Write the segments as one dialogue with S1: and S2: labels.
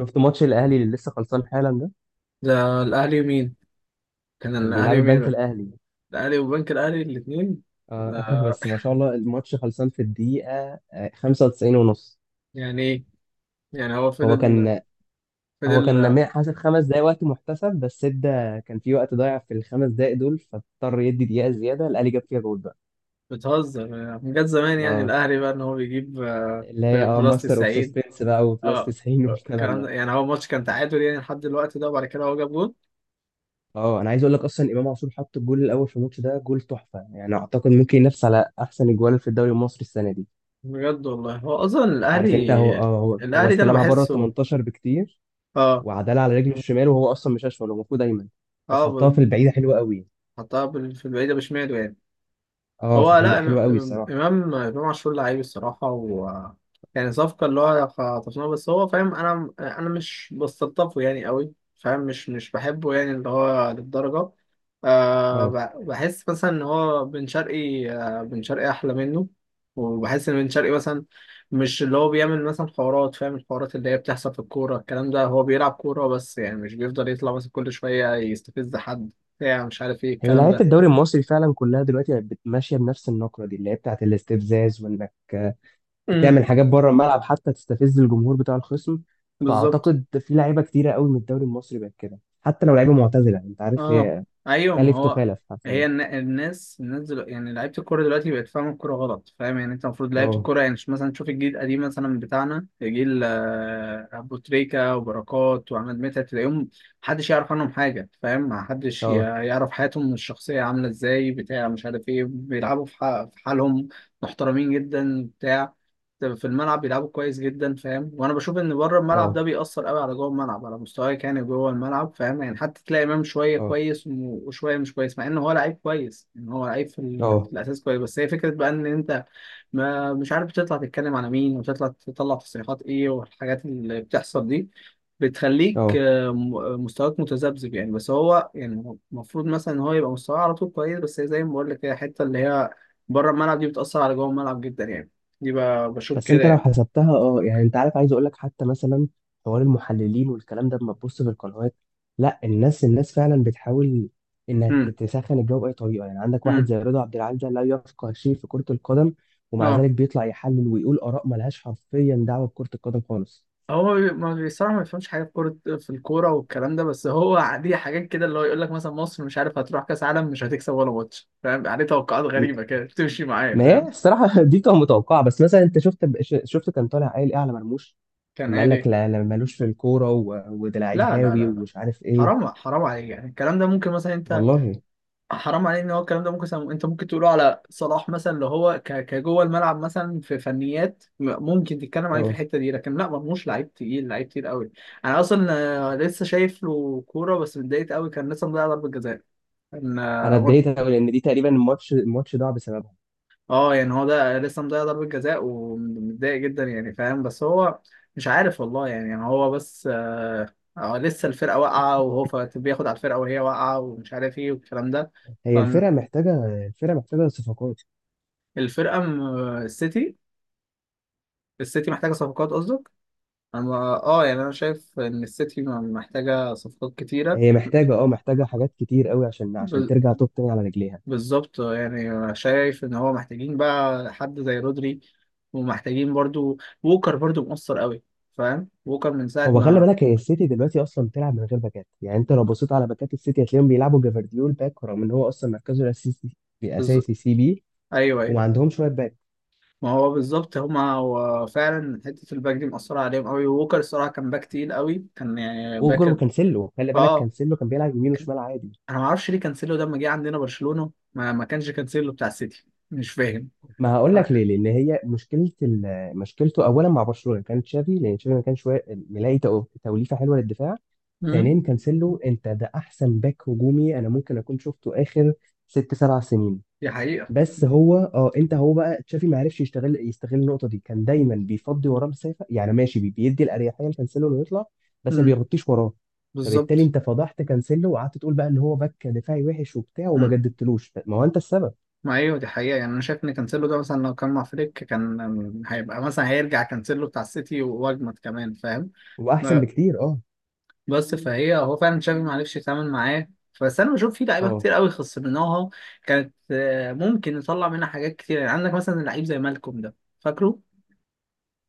S1: شفت ماتش الاهلي اللي لسه خلصان حالا ده
S2: ده الاهلي ومين؟ كان
S1: كان بيلعب
S2: الاهلي ومين
S1: البنك
S2: بقى؟
S1: الاهلي.
S2: الاهلي وبنك الاهلي الاثنين.
S1: آه. بس ما شاء الله الماتش خلصان في الدقيقه 95 ونص.
S2: يعني ايه؟ يعني هو
S1: هو
S2: فضل.
S1: كان
S2: فضل
S1: حاسب 5 دقايق وقت محتسب، بس ادى كان في وقت ضايع في ال5 دقايق دول، فاضطر يدي دقيقه زياده الاهلي جاب فيها جول بقى.
S2: بتهزر؟ من جد زمان يعني
S1: اه.
S2: الاهلي بقى ان هو بيجيب
S1: اللي هي
S2: في بلاس
S1: ماستر اوف
S2: 90.
S1: سسبنس بقى، وبلس
S2: اه
S1: 90 والكلام
S2: كان
S1: ده.
S2: يعني هو ماتش كان تعادل يعني لحد الوقت ده، وبعد كده هو جاب جول.
S1: اه انا عايز اقول لك اصلا امام عاشور حط الجول الاول في الماتش ده، جول تحفه يعني، اعتقد ممكن ينافس على احسن اجوال في الدوري المصري السنه دي.
S2: بجد والله، هو اصلا
S1: عارف انت، هو
S2: الاهلي.
S1: هو
S2: الاهلي ده انا
S1: استلمها بره ال
S2: بحسه.
S1: 18 بكتير،
S2: اه
S1: وعدلها على رجله الشمال، وهو اصلا مش اشول، هو المفروض ايمن. بس
S2: اه
S1: حطها
S2: ب-
S1: في البعيده حلوه قوي.
S2: حطها في البعيده بشماله يعني. هو لا إم-
S1: حلوه قوي
S2: إم-
S1: الصراحه.
S2: امام امام عاشور لعيب الصراحه. و يعني صفقه اللي هو خطفناه، بس هو فاهم، انا مش بستلطفه يعني قوي، فاهم، مش بحبه يعني، اللي هو للدرجه.
S1: اه
S2: بحس مثلا ان هو بن شرقي، بن شرقي احلى منه. وبحس ان بن شرقي مثلا مش اللي هو بيعمل مثلا حوارات، فاهم، الحوارات اللي هي بتحصل في الكوره الكلام ده. هو بيلعب كوره بس، يعني مش بيفضل يطلع مثلا كل شويه يستفز حد، بتاع، مش عارف ايه
S1: هي
S2: الكلام
S1: لعيبه
S2: ده.
S1: الدوري المصري فعلا كلها دلوقتي بقت ماشيه بنفس النقره دي اللي هي بتاعت الاستفزاز، وانك
S2: امم.
S1: تعمل حاجات بره الملعب حتى تستفز الجمهور بتاع الخصم.
S2: بالظبط.
S1: فاعتقد في لعيبه كتيره قوي من الدوري المصري بقت كده، حتى لو لعيبه معتزله. انت عارف
S2: اه.
S1: هي
S2: ايوه، ما
S1: تلف
S2: هو
S1: تخالف حرفيا.
S2: هي الن- الناس الناس دلوقتي يعني لعيبه الكوره دلوقتي بقت فاهمه الكوره غلط، فاهم يعني. انت المفروض لعيبه
S1: اه،
S2: الكوره يعني مش مثلا، تشوف الجيل القديم مثلا بتاعنا، جيل ابو تريكه وبركات وعماد متعب، تلاقيهم محدش يعرف عنهم حاجه، فاهم، محدش
S1: اه،
S2: يعرف حياتهم الشخصيه عامله ازاي، بتاع مش عارف ايه، بيلعبوا في في حالهم، محترمين جدا بتاع. في الملعب بيلعبوا كويس جدا، فاهم، وانا بشوف ان بره الملعب
S1: اه،
S2: ده بيأثر قوي على جوه الملعب، على مستواك يعني جوه الملعب، فاهم يعني. حتى تلاقي امام شويه
S1: اه،
S2: كويس وشويه مش كويس، مع ان هو لعيب كويس، ان هو لعيب
S1: اه،
S2: في الاساس كويس. بس هي فكره بقى ان انت ما مش عارف، بتطلع تتكلم على مين، وتطلع تصريحات ايه والحاجات اللي بتحصل دي. بتخليك
S1: اه.
S2: مستواك متذبذب يعني، بس هو يعني المفروض مثلا ان هو يبقى مستواه على طول كويس. بس هي زي ما بقول لك كده، الحته اللي هي بره الملعب دي بتأثر على جوه الملعب جدا يعني. دي ب- بشوف
S1: بس
S2: كده
S1: انت لو
S2: يعني.
S1: حسبتها، يعني انت عارف، عايز اقول لك حتى مثلا حوار المحللين والكلام ده لما تبص في القنوات. لا، الناس فعلا بتحاول انها
S2: امم.
S1: تسخن الجو باي طريقه. يعني عندك واحد
S2: امم.
S1: زي رضا عبد العال ده لا يفقه شيء في كره القدم، ومع
S2: اه.
S1: ذلك بيطلع يحلل ويقول اراء ملهاش حرفيا دعوه بكره القدم خالص.
S2: هو بي- ما بصراحه ما بيفهمش حاجه في كوره في الكوره والكلام ده. بس هو دي حاجات كده اللي هو يقول لك مثلا، مصر مش عارف هتروح كاس عالم، مش هتكسب ولا ماتش، فاهم عليه؟ توقعات
S1: م-
S2: غريبه كده بتمشي معايا،
S1: ما هي
S2: فاهم.
S1: الصراحه دي كانت متوقعه. بس مثلا انت شفت، شفت كان طالع قايل ايه على مرموش،
S2: كان
S1: لما قال
S2: قال
S1: لك
S2: ايه؟
S1: لا لا، ملوش في الكوره وده لعيب
S2: لا لا لا
S1: هاوي
S2: لا،
S1: ومش عارف ايه.
S2: حرام حرام عليك يعني. الكلام ده ممكن مثلا انت،
S1: والله
S2: حرام عليك، ان هو الكلام ده ممكن انت ممكن تقوله على صلاح مثلا، اللي هو كجوه الملعب مثلا في فنيات، ممكن تتكلم عليه في
S1: اه
S2: الحته دي. لكن لا، مرموش لعيب تقيل، لعيب تقيل قوي. انا اصلا لسه شايف له كوره بس اتضايقت قوي، كان لسه مضيع ضربه جزاء. كان
S1: انا
S2: آه،
S1: اتضايقت قوي، لان دي تقريبا الماتش ضاع بسببها.
S2: اه يعني هو ده لسه مضيع ضربة جزاء ومتضايق جدا يعني، فاهم. بس هو مش عارف والله يعني هو بس آه لسه الفرقة واقعة، وهو بياخد على الفرقة وهي واقعة، ومش عارف ايه والكلام ده.
S1: هي الفرقه محتاجه الفرقه محتاجه صفقات.
S2: فالفرقة السيتي، السيتي محتاجة صفقات قصدك؟ أنا يعني أنا شايف إن السيتي محتاجة صفقات كتيرة.
S1: هي محتاجه، محتاجه حاجات كتير قوي عشان
S2: بال-
S1: ترجع توب تاني على رجليها.
S2: بالظبط يعني، شايف إن هو محتاجين بقى حد زي رودري، ومحتاجين برضو ووكر، برضو مؤثر قوي، فاهم؟ ووكر من ساعة
S1: هو خلي
S2: ما
S1: بالك، هي السيتي دلوقتي اصلا بتلعب من غير باكات. يعني انت لو بصيت على باكات السيتي هتلاقيهم بيلعبوا جافارديول باك، رغم ان هو اصلا مركزه الاساسي
S2: بز...
S1: اساسي سي بي،
S2: ايوه، ايوه،
S1: وما عندهمش شويه باك.
S2: ما هو بالظبط. هما هو فعلا حته الباك دي مأثره عليهم قوي. ووكر الصراحه كان باك تقيل قوي، كان يعني
S1: ووجر
S2: باك.
S1: وكانسيلو خلي بالك،
S2: اه.
S1: كانسيلو كان بيلعب يمين
S2: كان...
S1: وشمال عادي.
S2: انا ما اعرفش ليه كانسيلو ده، لما جه عندنا برشلونه ما كانش كانسيلو بتاع السيتي، مش فاهم.
S1: ما هقول لك ليه. لان هي مشكلته اولا مع برشلونه كان تشافي، لان تشافي ما كانش ملاقي توليفه حلوه للدفاع.
S2: امم.
S1: ثانيا، كانسيلو انت ده احسن باك هجومي انا ممكن اكون شفته اخر 6 7 سنين.
S2: دي حقيقه.
S1: بس هو، انت، هو بقى تشافي ما عرفش يشتغل يستغل النقطه دي. كان دايما بيفضي وراه مسافه، يعني ماشي، بيدي الاريحيه لكانسيلو انه يطلع، بس ما
S2: امم.
S1: بيغطيش وراه. فبالتالي
S2: بالظبط.
S1: انت فضحت كانسيلو، وقعدت تقول بقى ان هو باك دفاعي وحش وبتاع، وما
S2: امم.
S1: جددتلوش. ما هو انت السبب.
S2: ما ايوه دي حقيقه يعني، انا شايف ان كانسيلو ده مثلا لو كان مع فليك، كان هيبقى مثلا، هيرجع كانسيلو بتاع السيتي واجمد كمان، فاهم.
S1: هو احسن بكتير، اه.
S2: بس فهي هو فعلا تشافي ما عرفش يتعامل معاه. بس انا بشوف في لعيبه
S1: اه.
S2: كتير قوي خسرناها، كانت ممكن نطلع منها حاجات كتير يعني. عندك مثلا لعيب زي مالكوم ده، فاكره؟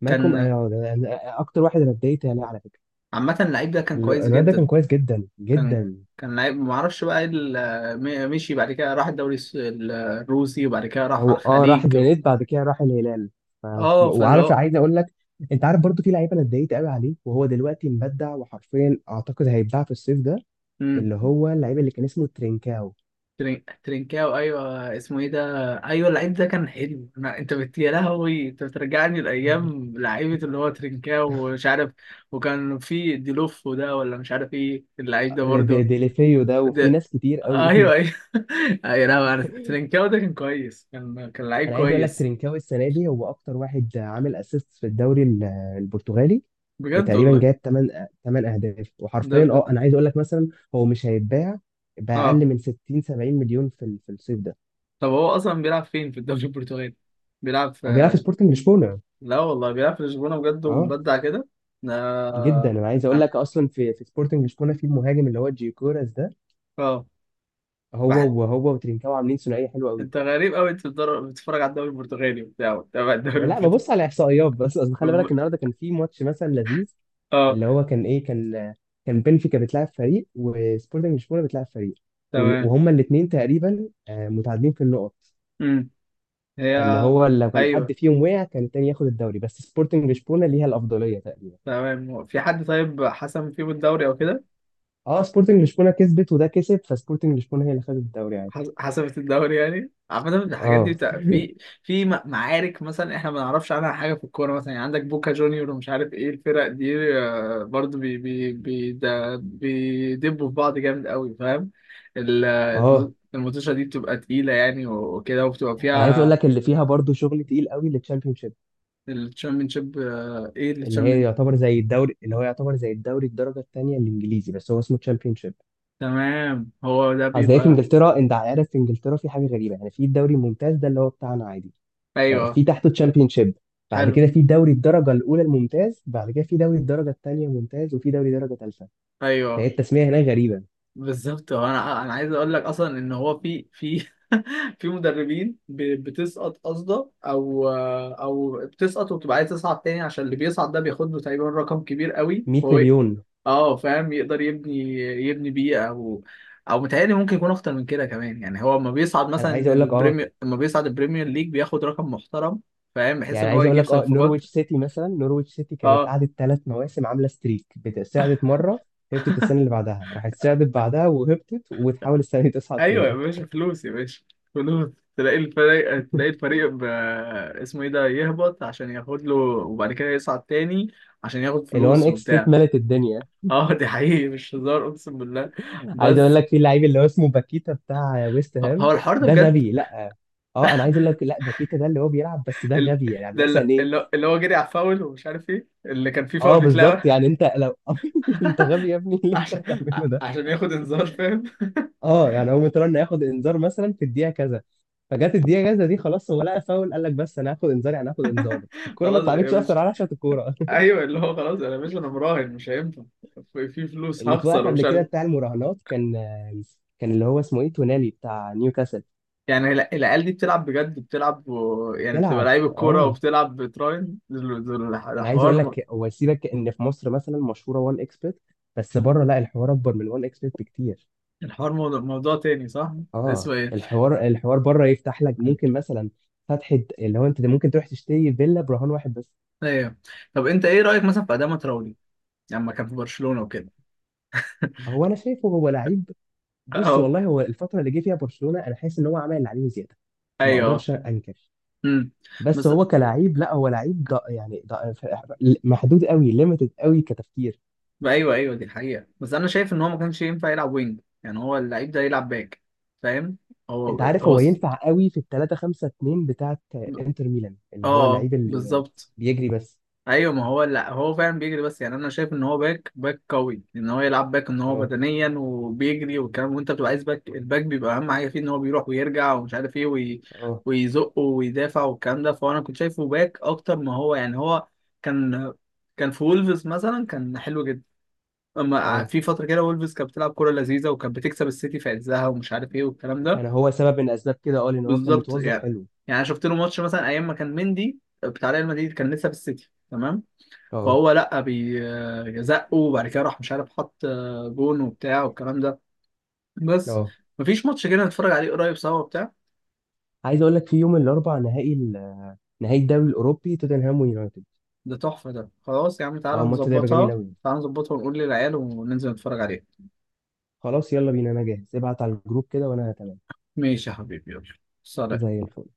S1: مالكوم،
S2: كان
S1: ده اكتر واحد انا اتضايقت عليه على فكره.
S2: عامه اللعيب ده كان كويس
S1: الواد ده كان
S2: جدا.
S1: كويس جدا
S2: كان
S1: جدا.
S2: كان لعيب، ما اعرفش بقى ايه مشي بعد كده، راح الدوري الروسي، وبعد كده راح
S1: هو
S2: على
S1: راح
S2: الخليج.
S1: الزينات، بعد كده راح الهلال. ف-
S2: اه، فاللي
S1: وعارف
S2: هو،
S1: عايز اقول لك، انت عارف برضو في لعيب انا اتضايقت قوي عليه وهو دلوقتي مبدع، وحرفيا اعتقد هيتباع في الصيف ده،
S2: مم.
S1: اللي هو اللعيب اللي كان اسمه ترينكاو.
S2: ترينكاو، ايوه، اسمه ايه ده؟ ايوه اللعيب ده كان حلو. يا لهوي، انت بترجعني لايام لعيبه، اللي هو ترينكاو ومش عارف. وكان في ديلوفو ده، ولا مش عارف ايه اللعيب ده برضه.
S1: ديليفيو ده وفي
S2: ده،
S1: ناس كتير قوي.
S2: ايوه، ايوه. ايوه لا، ترينكاو ده كان كويس، كان لعيب
S1: انا عايز اقول لك
S2: كويس.
S1: ترينكاوي السنه دي هو اكتر واحد عامل اسيست في الدوري البرتغالي،
S2: بجد
S1: وتقريبا
S2: والله؟
S1: جايب 8 8 اهداف.
S2: ده
S1: وحرفيا
S2: ب...
S1: انا عايز اقول لك مثلا هو مش هيتباع
S2: اه.
S1: باقل من 60 70 مليون في في الصيف ده.
S2: طب هو اصلا بيلعب فين في الدوري البرتغالي؟ بيلعب في
S1: هو بيلعب في سبورتنج لشبونه.
S2: لا والله، بيلعب في لشبونه بجد،
S1: اه،
S2: ومبدع كده. ده
S1: جدا انا عايز اقول
S2: أنا-
S1: لك اصلا في سبورتنج لشبونه في المهاجم اللي هو جيوكوراس ده،
S2: اه. بح-
S1: هو وترينكاوي عاملين ثنائيه حلوه قوي.
S2: انت غريب قوي، انت بتتفرج على الدوري البرتغالي وبتاع، وبتابع الدوري
S1: لا،
S2: البرتغالي.
S1: ببص على احصائيات بس. اصل خلي بالك النهارده كان في ماتش مثلا لذيذ،
S2: اه.
S1: اللي هو كان ايه، كان بنفيكا بتلعب فريق وسبورتنج لشبونه بتلعب فريق،
S2: تمام.
S1: وهما الاثنين تقريبا متعادلين في النقط.
S2: امم. هي.
S1: فاللي هو لو كان حد
S2: ايوه.
S1: فيهم وقع كان التاني ياخد الدوري، بس سبورتنج لشبونه ليها الافضليه تقريبا.
S2: تمام. هو في حد طيب حسم فيهم الدوري او كده؟
S1: اه، سبورتنج لشبونه كسبت وده كسب، فسبورتنج لشبونه هي اللي خدت الدوري عادي.
S2: حسمت الدوري يعني. عامة الحاجات دي
S1: اه.
S2: بتاع، في معارك مثلا احنا ما نعرفش عنها حاجة في الكورة مثلا، يعني عندك بوكا جونيور ومش عارف ايه الفرق دي، برضو بي بي بي ده بيدبوا في بعض جامد قوي، فاهم.
S1: اه،
S2: الماتشة دي بتبقى تقيلة يعني وكده، وبتبقى
S1: انا عايز اقول
S2: فيها
S1: لك اللي فيها برضو شغل تقيل قوي للتشامبيونشيب،
S2: الشامبيونشيب. آه، ايه
S1: اللي هي
S2: الشامبيون
S1: يعتبر زي الدوري، اللي هو يعتبر زي الدوري الدرجه الثانيه الانجليزي، بس هو اسمه تشامبيونشيب.
S2: تمام هو ده
S1: اصل هي في
S2: بيبقى.
S1: انجلترا، انت عارف في انجلترا في حاجه غريبه. يعني في الدوري الممتاز ده اللي هو بتاعنا عادي،
S2: ايوه.
S1: في تحته تشامبيون شيب، بعد
S2: حلو.
S1: كده في دوري الدرجه الاولى الممتاز، بعد كده في دوري الدرجه الثانيه ممتاز، وفي دوري درجه ثالثه. فهي
S2: ايوه.
S1: التسميه هناك غريبه.
S2: بالظبط. هو انا عايز اقول لك اصلا ان هو في في مدربين بتسقط قصده، او بتسقط وبتبقى عايز تصعد تاني، عشان اللي بيصعد ده بياخد له تقريبا رقم كبير قوي،
S1: 100
S2: فهو إيه؟
S1: مليون.
S2: اه فاهم، يقدر يبني، بيه، او او متهيألي ممكن يكون اكتر من كده كمان. يعني هو لما بيصعد
S1: انا عايز
S2: مثلا
S1: اقول لك
S2: البريمير، لما بيصعد البريمير ليج، بياخد رقم محترم، فاهم، بحيث
S1: يعني،
S2: ان هو
S1: عايز اقول
S2: يجيب
S1: لك
S2: صفقات.
S1: نورويتش سيتي مثلا، نورويتش سيتي كانت
S2: اه.
S1: قعدت 3 مواسم عامله ستريك بتصعدت مره، هبطت السنه اللي بعدها، راحت صعدت بعدها وهبطت، وتحاول السنه دي تصعد
S2: ايوه يا
S1: تاني.
S2: باشا، فلوس يا باشا، فلوس. تلاقي الفريق اسمه ايه ده، يهبط عشان ياخد له وبعد كده يصعد تاني، عشان ياخد
S1: ال1
S2: فلوس
S1: اكس بيت
S2: وبتاع.
S1: ملت الدنيا.
S2: اه دي حقيقي، مش هزار، اقسم بالله.
S1: عايز اقول
S2: بس
S1: لك في لعيب اللي هو اسمه باكيتا بتاع ويست
S2: هو
S1: هام،
S2: الحوار ده
S1: ده
S2: بجد؟
S1: غبي. لا اه انا عايز اقول لك، لا باكيتا ده اللي هو بيلعب، بس ده
S2: ال...
S1: غبي. يعني
S2: ده اللي...
S1: مثلا ايه،
S2: اللي اللي هو جري على الفاول، ومش عارف ايه، اللي كان فيه فاول
S1: اه بالظبط.
S2: بيتلعب.
S1: يعني انت لو انت غبي يا ابني اللي انت
S2: عشان
S1: بتعمله ده.
S2: عشان ياخد انذار، فاهم.
S1: اه، يعني هو مترن ياخد انذار مثلا في الدقيقه كذا، فجت الدقيقه كذا دي خلاص هو لقى فاول، قال لك بس انا هاخد انذار. يعني هاخد انذار، الكوره ما
S2: خلاص يا
S1: اتلعبتش
S2: باشا.
S1: اصلا على عشان الكوره.
S2: ايوه اللي هو، خلاص انا يا باشا، انا مراهن، مش هينفع. في فلوس
S1: اللي اتوقف
S2: هخسر
S1: قبل
S2: ومش
S1: كده
S2: عارف.
S1: بتاع المراهنات كان اللي هو اسمه ايه تونالي بتاع نيوكاسل.
S2: يعني العيال دي بتلعب بجد، بتلعب و... يعني بتبقى
S1: بتلعب.
S2: لعيب الكورة
S1: اه
S2: وبتلعب بتراين. دول
S1: انا عايز
S2: الحوار
S1: اقول لك، هو سيبك ان في مصر مثلا مشهوره وان اكسبرت، بس بره لا، الحوار اكبر من وان اكسبرت بكتير.
S2: الحوار موضوع تاني، صح؟ اسمه
S1: اه،
S2: ايه؟
S1: الحوار بره يفتح لك ممكن مثلا فتحه، اللي هو انت ممكن تروح تشتري فيلا برهان واحد بس.
S2: ايوه. طب انت ايه رأيك مثلا في أداما تراوري لما كان في برشلونة وكده؟
S1: هو انا شايفه هو لعيب. بص،
S2: اه.
S1: والله هو الفتره اللي جه فيها برشلونه انا حاسس ان هو عمل اللي عليه زياده. ما
S2: ايوه.
S1: اقدرش انكر.
S2: امم.
S1: بس
S2: بس.
S1: هو كلاعب، لا، هو لعيب يعني محدود قوي، ليميتد قوي كتفكير.
S2: ايوه، ايوه، دي الحقيقه. بس انا شايف ان هو ما كانش ينفع يلعب وينج، يعني هو اللعيب ده يلعب باك، فاهم.
S1: انت عارف
S2: هو
S1: هو ينفع قوي في ال3-5-2 بتاعت انتر ميلان، اللي هو
S2: اه.
S1: اللعيب اللي
S2: بالظبط.
S1: بيجري بس.
S2: ايوه ما هو، لا هو فعلا بيجري بس يعني، انا شايف ان هو باك، باك قوي، ان هو يلعب باك، ان هو
S1: اه.
S2: بدنيا وبيجري والكلام. وانت بتبقى عايز باك، الباك بيبقى اهم حاجه فيه، ان هو بيروح ويرجع ومش عارف ايه
S1: اه.
S2: ويزق ويدافع والكلام ده. فانا كنت شايفه باك اكتر ما هو يعني. هو كان كان في وولفز مثلا، كان حلو جدا. اما
S1: اه.
S2: في فتره كده وولفز كانت بتلعب كوره لذيذه، وكانت بتكسب السيتي في عزها، ومش عارف ايه والكلام ده.
S1: كان هو سبب من اسباب كده، اه، لان هو كان
S2: بالظبط يعني.
S1: متوظف حلو.
S2: يعني أنا شفت له ماتش مثلا، ايام ما كان مندي بتاع ريال مدريد، كان لسه في السيتي، تمام.
S1: اه.
S2: فهو لا بيزقه، وبعد كده راح، مش عارف، حط جون وبتاع والكلام ده. بس
S1: اه.
S2: مفيش ماتش كده نتفرج عليه قريب سوا وبتاع.
S1: عايز اقول لك في يوم الاربع نهائي نهائي الدوري الاوروبي توتنهام ويونايتد.
S2: ده تحفة، ده خلاص يا عم، تعالى
S1: اه، الماتش ده هيبقى جميل
S2: نظبطها،
S1: قوي.
S2: تعالى نظبطها، ونقول للعيال وننزل نتفرج عليه.
S1: خلاص يلا بينا، انا جاهز ابعت على الجروب كده وانا تمام.
S2: ماشي يا حبيبي، يلا. سلام.
S1: زي الفل.